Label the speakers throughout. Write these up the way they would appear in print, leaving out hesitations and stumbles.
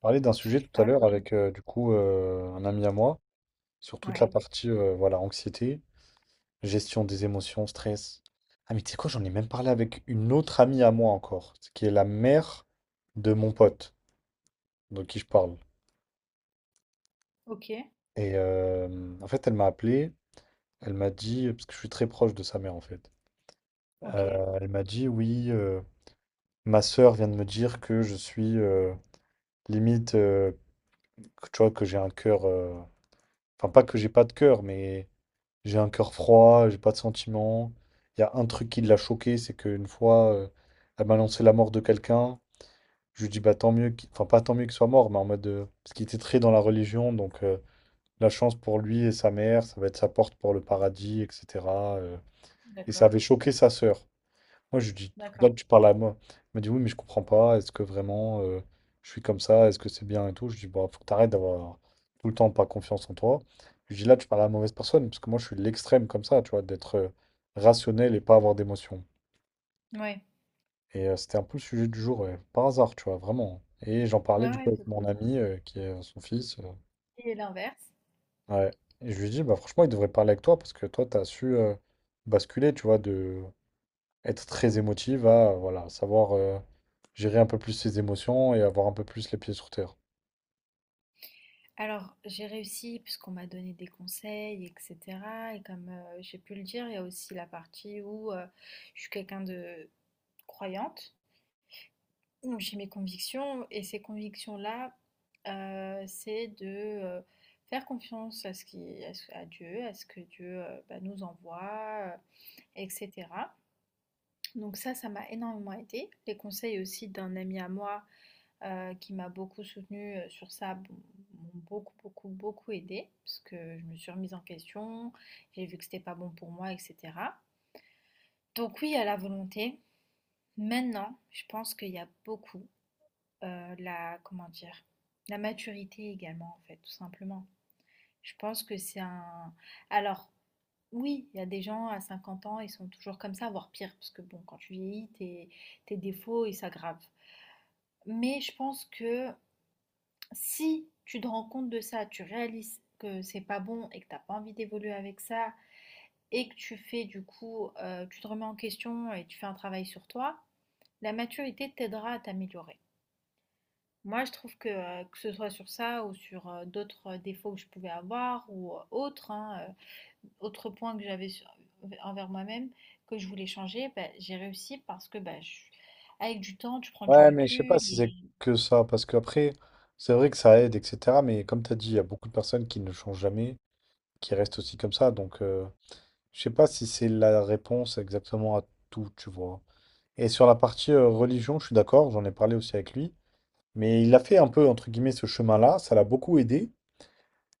Speaker 1: Parlé d'un sujet tout à
Speaker 2: Ah
Speaker 1: l'heure
Speaker 2: oui.
Speaker 1: avec un ami à moi sur toute la
Speaker 2: Ouais.
Speaker 1: partie voilà, anxiété, gestion des émotions, stress. Ah mais tu sais quoi, j'en ai même parlé avec une autre amie à moi encore, qui est la mère de mon pote de qui je parle.
Speaker 2: OK,
Speaker 1: Et en fait, elle m'a appelé, elle m'a dit, parce que je suis très proche de sa mère en fait.
Speaker 2: OK.
Speaker 1: Elle m'a dit oui, ma sœur vient de me dire que je suis limite tu vois, que j'ai un cœur enfin, pas que j'ai pas de cœur, mais j'ai un cœur froid, j'ai pas de sentiments. Il y a un truc qui l'a choqué, c'est qu'une fois, elle m'a annoncé la mort de quelqu'un. Je lui dis, bah tant mieux enfin, pas tant mieux qu'il soit mort, mais en mode, parce qu'il était très dans la religion, donc la chance pour lui et sa mère, ça va être sa porte pour le paradis, etc. euh. Et ça
Speaker 2: D'accord,
Speaker 1: avait choqué sa sœur. Moi, je lui dis, là,
Speaker 2: d'accord.
Speaker 1: tu parles à moi. Il m'a dit oui, mais je comprends pas. Est-ce que vraiment je suis comme ça? Est-ce que c'est bien et tout? Je lui dis, bah, faut que t'arrêtes d'avoir tout le temps pas confiance en toi. Je lui dis, là, tu parles à la mauvaise personne, parce que moi, je suis l'extrême comme ça, tu vois, d'être rationnel et pas avoir d'émotion.
Speaker 2: Ouais.
Speaker 1: Et c'était un peu le sujet du jour, ouais, par hasard, tu vois, vraiment. Et j'en
Speaker 2: Ouais,
Speaker 1: parlais du
Speaker 2: ouais,
Speaker 1: coup avec mon
Speaker 2: totalement.
Speaker 1: ami, qui est son fils.
Speaker 2: Et l'inverse?
Speaker 1: Ouais. Et je lui dis, bah, franchement, il devrait parler avec toi, parce que toi, t'as su basculer, tu vois, de être très émotive à voilà, savoir gérer un peu plus ses émotions et avoir un peu plus les pieds sur terre.
Speaker 2: Alors, j'ai réussi puisqu'on m'a donné des conseils, etc. Et comme j'ai pu le dire, il y a aussi la partie où je suis quelqu'un de croyante, où j'ai mes convictions, et ces convictions-là, c'est de faire confiance à ce qui, à, à Dieu, à ce que Dieu bah, nous envoie, etc. Donc ça m'a énormément aidé. Les conseils aussi d'un ami à moi qui m'a beaucoup soutenue sur ça bon, m'ont beaucoup, beaucoup, beaucoup aidé parce que je me suis remise en question, j'ai vu que c'était pas bon pour moi, etc. Donc oui, à la volonté. Maintenant, je pense qu'il y a beaucoup la, comment dire, la maturité également en fait, tout simplement. Je pense que c'est un. Alors, oui, il y a des gens à 50 ans, ils sont toujours comme ça, voire pire, parce que bon, quand tu vieillis, tes défauts, ils s'aggravent. Mais je pense que si tu te rends compte de ça, tu réalises que c'est pas bon et que t'as pas envie d'évoluer avec ça, et que tu fais du coup, tu te remets en question et tu fais un travail sur toi, la maturité t'aidera à t'améliorer. Moi, je trouve que ce soit sur ça ou sur, d'autres, défauts que je pouvais avoir ou, autres, hein, autre point que j'avais sur envers moi-même, que je voulais changer, bah, j'ai réussi parce que, bah, je avec du temps, tu prends du
Speaker 1: Ouais, mais je sais pas
Speaker 2: recul
Speaker 1: si
Speaker 2: et
Speaker 1: c'est que ça, parce qu'après, c'est vrai que ça aide, etc. Mais comme tu as dit, il y a beaucoup de personnes qui ne changent jamais, qui restent aussi comme ça. Donc, je sais pas si c'est la réponse exactement à tout, tu vois. Et sur la partie religion, je suis d'accord, j'en ai parlé aussi avec lui. Mais il a fait un peu, entre guillemets, ce chemin-là, ça l'a beaucoup aidé.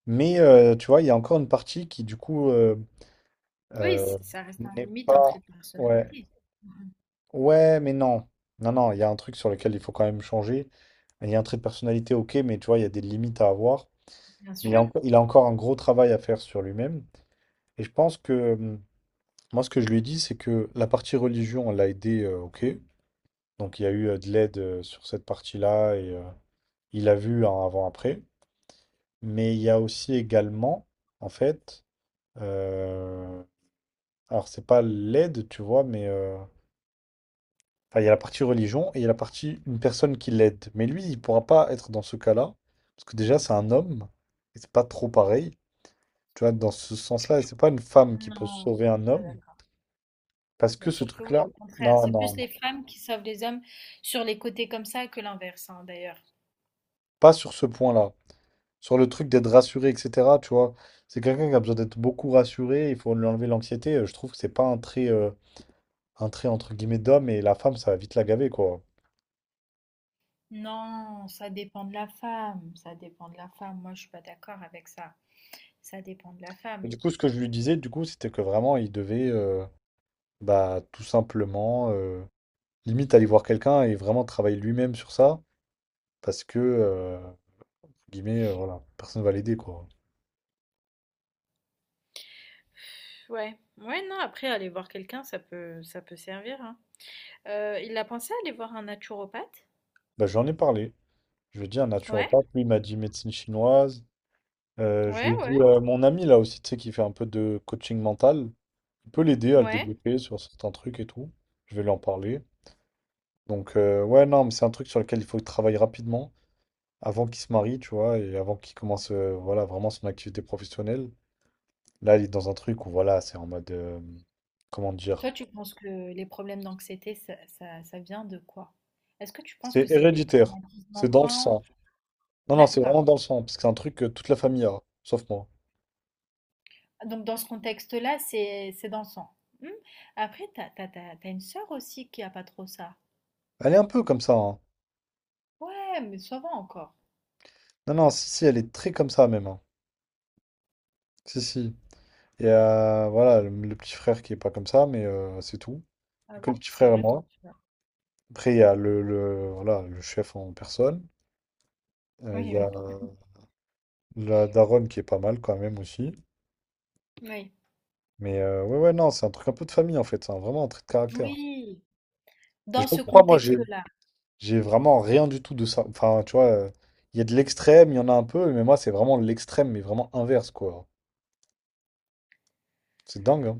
Speaker 1: Mais tu vois, il y a encore une partie qui, du coup,
Speaker 2: Oui,
Speaker 1: euh,
Speaker 2: c ça reste un
Speaker 1: n'est
Speaker 2: limite, un
Speaker 1: pas.
Speaker 2: trait de
Speaker 1: Ouais.
Speaker 2: personnalité. Mmh.
Speaker 1: Ouais, mais non. Non, non, il y a un truc sur lequel il faut quand même changer. Il y a un trait de personnalité, ok, mais tu vois, il y a des limites à avoir.
Speaker 2: Bien
Speaker 1: Mais
Speaker 2: sûr.
Speaker 1: il a encore un gros travail à faire sur lui-même. Et je pense que, moi, ce que je lui ai dit, c'est que la partie religion, elle l'a aidé, ok. Donc, il y a eu de l'aide sur cette partie-là. Et, il a vu un avant-après. Mais il y a aussi également, en fait, euh, alors c'est pas l'aide, tu vois, mais enfin, il y a la partie religion et il y a la partie une personne qui l'aide. Mais lui, il pourra pas être dans ce cas-là, parce que déjà, c'est un homme, et c'est pas trop pareil. Tu vois, dans ce sens-là, et c'est pas une femme qui peut
Speaker 2: Non, je
Speaker 1: sauver
Speaker 2: suis
Speaker 1: un
Speaker 2: pas
Speaker 1: homme,
Speaker 2: d'accord.
Speaker 1: parce que
Speaker 2: Bien
Speaker 1: ce
Speaker 2: sûr que oui,
Speaker 1: truc-là,
Speaker 2: au contraire,
Speaker 1: non,
Speaker 2: c'est
Speaker 1: non,
Speaker 2: plus les
Speaker 1: non.
Speaker 2: femmes qui sauvent les hommes sur les côtés comme ça que l'inverse, hein, d'ailleurs.
Speaker 1: Pas sur ce point-là. Sur le truc d'être rassuré, etc., tu vois, c'est quelqu'un qui a besoin d'être beaucoup rassuré, il faut lui enlever l'anxiété. Je trouve que c'est pas un trait, un trait entre guillemets d'homme, et la femme, ça va vite la gaver, quoi.
Speaker 2: Non, ça dépend de la femme, ça dépend de la femme. Moi, je suis pas d'accord avec ça. Ça dépend de la
Speaker 1: Et
Speaker 2: femme.
Speaker 1: du coup, ce que je lui disais, du coup, c'était que vraiment, il devait bah, tout simplement, limite, aller voir quelqu'un et vraiment travailler lui-même sur ça, parce que, entre guillemets, voilà, personne va l'aider, quoi.
Speaker 2: Ouais, ouais, non, après aller voir quelqu'un, ça peut servir, hein. Il a pensé à aller voir un naturopathe?
Speaker 1: Bah, j'en ai parlé. Je lui ai dit un
Speaker 2: Ouais,
Speaker 1: naturopathe, lui, il m'a dit médecine chinoise. Je
Speaker 2: ouais,
Speaker 1: lui ai
Speaker 2: ouais,
Speaker 1: dit, mon ami, là aussi, tu sais, qui fait un peu de coaching mental, il peut l'aider à le
Speaker 2: ouais.
Speaker 1: débloquer sur certains trucs et tout. Je vais lui en parler. Donc, ouais, non, mais c'est un truc sur lequel il faut travailler rapidement, avant qu'il se marie, tu vois, et avant qu'il commence voilà, vraiment son activité professionnelle. Là, il est dans un truc où, voilà, c'est en mode, comment dire,
Speaker 2: Toi, tu penses que les problèmes d'anxiété, ça vient de quoi? Est-ce que tu penses que
Speaker 1: c'est
Speaker 2: c'est des
Speaker 1: héréditaire,
Speaker 2: traumatismes
Speaker 1: c'est dans le
Speaker 2: d'enfant?
Speaker 1: sang. Non, non, c'est
Speaker 2: D'accord.
Speaker 1: vraiment dans le sang, parce que c'est un truc que toute la famille a, sauf moi.
Speaker 2: Donc, dans ce contexte-là, c'est dansant. Hmm. Après, t'as une sœur aussi qui a pas trop ça.
Speaker 1: Elle est un peu comme ça, hein.
Speaker 2: Ouais, mais ça va encore.
Speaker 1: Non, non, si, si, elle est très comme ça même, hein. Si, si. Et voilà, le petit frère qui est pas comme ça, mais c'est tout.
Speaker 2: Ah
Speaker 1: Et que
Speaker 2: oui,
Speaker 1: le petit
Speaker 2: c'est
Speaker 1: frère et
Speaker 2: vrai ton
Speaker 1: moi.
Speaker 2: petit doigt.
Speaker 1: Après, il y a voilà, le chef en personne. Il
Speaker 2: Oui,
Speaker 1: y a
Speaker 2: oui,
Speaker 1: la daronne qui est pas mal quand même aussi.
Speaker 2: oui.
Speaker 1: Mais ouais, ouais, non, c'est un truc un peu de famille en fait, vraiment un trait de caractère.
Speaker 2: Oui,
Speaker 1: Mais je
Speaker 2: dans
Speaker 1: sais pas
Speaker 2: ce
Speaker 1: pourquoi moi j'ai
Speaker 2: contexte-là.
Speaker 1: j'ai vraiment rien du tout de ça. Enfin, tu vois, il y a de l'extrême, il y en a un peu, mais moi c'est vraiment l'extrême, mais vraiment inverse quoi. C'est dingue, hein.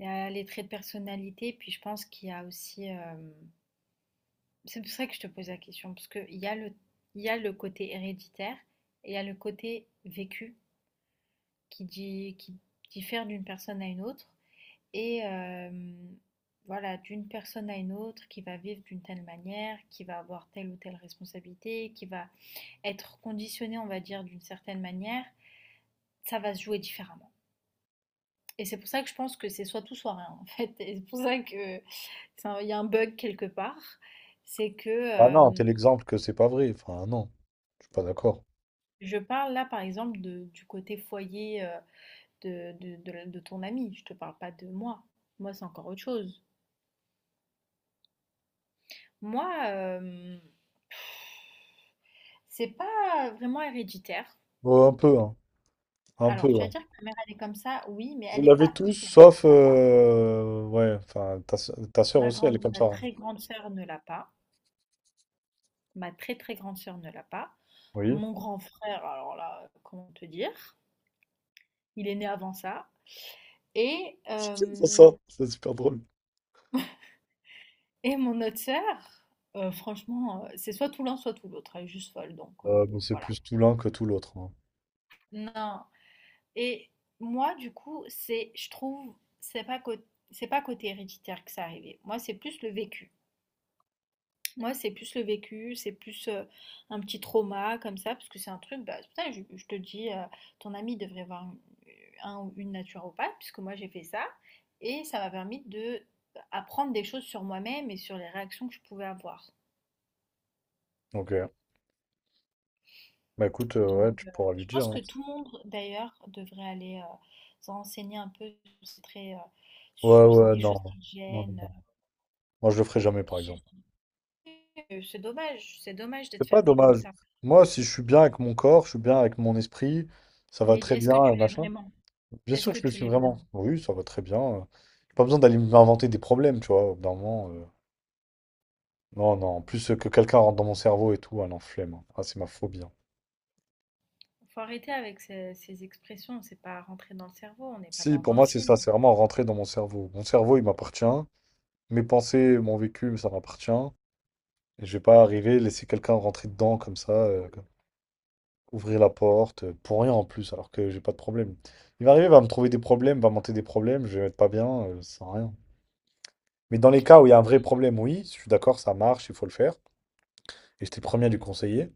Speaker 2: Il y a les traits de personnalité, puis je pense qu'il y a aussi. C'est pour ça que je te pose la question, parce qu'il y a le, côté héréditaire et il y a le côté vécu qui, qui diffère d'une personne à une autre. Et voilà, d'une personne à une autre qui va vivre d'une telle manière, qui va avoir telle ou telle responsabilité, qui va être conditionnée, on va dire, d'une certaine manière, ça va se jouer différemment. Et c'est pour ça que je pense que c'est soit tout, soit rien, en fait. Et c'est pour ça que c'est un- il y a un bug quelque part. C'est que
Speaker 1: Ah non, t'es l'exemple que c'est pas vrai. Enfin, non, je suis pas d'accord.
Speaker 2: je parle là, par exemple, du côté foyer de ton ami. Je te parle pas de moi. Moi, c'est encore autre chose. Moi, c'est pas vraiment héréditaire.
Speaker 1: Ouais, un peu, hein. Un peu,
Speaker 2: Alors, tu vas
Speaker 1: ouais.
Speaker 2: dire que ta mère, elle est comme ça, oui, mais
Speaker 1: Vous
Speaker 2: elle n'est
Speaker 1: l'avez
Speaker 2: pas
Speaker 1: tous,
Speaker 2: hyper comme
Speaker 1: sauf.
Speaker 2: ça.
Speaker 1: euh, Ouais, enfin, ta soeur
Speaker 2: Ma
Speaker 1: aussi, elle est
Speaker 2: grande,
Speaker 1: comme
Speaker 2: ma
Speaker 1: ça, hein.
Speaker 2: très grande sœur ne l'a pas. Ma très très grande sœur ne l'a pas.
Speaker 1: Oui.
Speaker 2: Mon grand frère, alors là, comment te dire? Il est né avant ça. Et,
Speaker 1: C'est pour ça,
Speaker 2: hem,
Speaker 1: c'est super drôle.
Speaker 2: et mon autre sœur, franchement, c'est soit tout l'un, soit tout l'autre. Elle est juste folle, donc bon,
Speaker 1: Mais c'est
Speaker 2: voilà.
Speaker 1: plus tout l'un que tout l'autre, hein.
Speaker 2: Non et moi, du coup, c'est je trouve, c'est pas côté héréditaire que ça arrivait. Moi, c'est plus le vécu. Moi, c'est plus le vécu, c'est plus un petit trauma comme ça, parce que c'est un truc, bah, c'est pour ça que je te dis, ton ami devrait voir un ou une naturopathe, puisque moi j'ai fait ça, et ça m'a permis de apprendre des choses sur moi-même et sur les réactions que je pouvais avoir.
Speaker 1: Ok. Bah écoute,
Speaker 2: Donc,
Speaker 1: ouais, tu pourras lui
Speaker 2: je
Speaker 1: dire,
Speaker 2: pense que
Speaker 1: hein.
Speaker 2: tout le monde, d'ailleurs, devrait aller se renseigner un peu sur, ces traits,
Speaker 1: Ouais,
Speaker 2: sur
Speaker 1: ouais,
Speaker 2: des
Speaker 1: non.
Speaker 2: choses qui te
Speaker 1: Non, non, non.
Speaker 2: gênent.
Speaker 1: Moi, je le ferai jamais, par
Speaker 2: Je sais
Speaker 1: exemple.
Speaker 2: que c'est dommage, c'est dommage d'être
Speaker 1: C'est pas
Speaker 2: fermé comme
Speaker 1: dommage.
Speaker 2: ça.
Speaker 1: Moi, si je suis bien avec mon corps, je suis bien avec mon esprit, ça va
Speaker 2: Mais
Speaker 1: très
Speaker 2: est-ce
Speaker 1: bien,
Speaker 2: que tu l'es
Speaker 1: machin.
Speaker 2: vraiment?
Speaker 1: Bien
Speaker 2: Est-ce
Speaker 1: sûr que
Speaker 2: que
Speaker 1: je le
Speaker 2: tu
Speaker 1: suis
Speaker 2: l'es
Speaker 1: vraiment.
Speaker 2: vraiment?
Speaker 1: Oui, ça va très bien. J'ai pas besoin d'aller m'inventer des problèmes, tu vois, au bout d'un moment. Non, non. En plus, que quelqu'un rentre dans mon cerveau et tout, ah non, flemme, hein. Ah, c'est ma phobie, hein.
Speaker 2: Faut arrêter avec ces, ces expressions, c'est pas rentré dans le cerveau, on n'est pas
Speaker 1: Si, pour
Speaker 2: dans un
Speaker 1: moi, c'est ça.
Speaker 2: film.
Speaker 1: C'est vraiment rentrer dans mon cerveau. Mon cerveau, il m'appartient. Mes pensées, mon vécu, ça m'appartient. Et je vais pas arriver, laisser quelqu'un rentrer dedans comme ça. Ouvrir la porte, pour rien en plus, alors que j'ai pas de problème. Il va arriver, il va me trouver des problèmes, va monter des problèmes, je vais être pas bien, ça sert à rien. Mais dans les cas où il y a un vrai
Speaker 2: Oui,
Speaker 1: problème, oui, je suis d'accord, ça marche, il faut le faire. Et j'étais le premier à lui conseiller.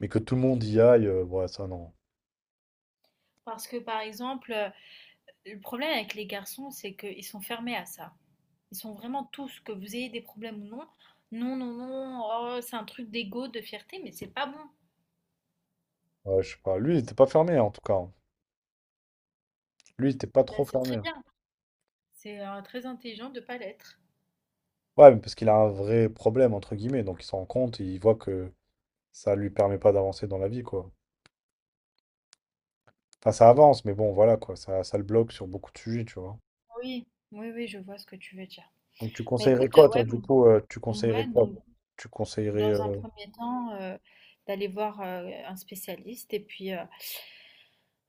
Speaker 1: Mais que tout le monde y aille, ouais, ça non.
Speaker 2: Parce que par exemple, le problème avec les garçons, c'est qu'ils sont fermés à ça. Ils sont vraiment tous, que vous ayez des problèmes ou non, non, non, non, oh, c'est un truc d'ego, de fierté, mais c'est pas bon.
Speaker 1: Ouais, je sais pas. Lui, il était pas fermé, en tout cas, hein. Lui, il était pas
Speaker 2: Ben,
Speaker 1: trop
Speaker 2: c'est très
Speaker 1: fermé.
Speaker 2: bien. C'est très intelligent de pas l'être.
Speaker 1: Ouais, mais parce qu'il a un vrai problème, entre guillemets, donc il s'en rend compte et il voit que ça lui permet pas d'avancer dans la vie, quoi. Enfin, ça avance, mais bon, voilà, quoi, ça le bloque sur beaucoup de sujets, tu vois.
Speaker 2: Oui, oui, oui, je vois ce que tu veux dire.
Speaker 1: Donc tu
Speaker 2: Mais
Speaker 1: conseillerais
Speaker 2: écoute,
Speaker 1: quoi,
Speaker 2: ouais,
Speaker 1: toi, du coup, tu conseillerais
Speaker 2: ouais,
Speaker 1: quoi?
Speaker 2: donc
Speaker 1: Tu conseillerais...
Speaker 2: dans un
Speaker 1: euh,
Speaker 2: premier temps, d'aller voir un spécialiste et puis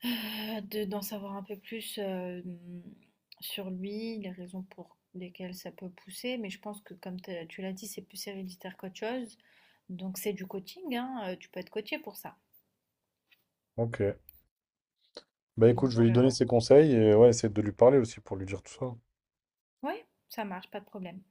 Speaker 2: De d'en savoir un peu plus, sur lui, les raisons pour lesquelles ça peut pousser, mais je pense que comme tu l'as dit, c'est plus héréditaire qu'autre chose, donc c'est du coaching, hein, tu peux être coachée pour ça,
Speaker 1: Ok. Bah écoute,
Speaker 2: donc
Speaker 1: je vais lui donner ses conseils et ouais, essayer de lui parler aussi pour lui dire tout ça.
Speaker 2: ouais, ça marche, pas de problème.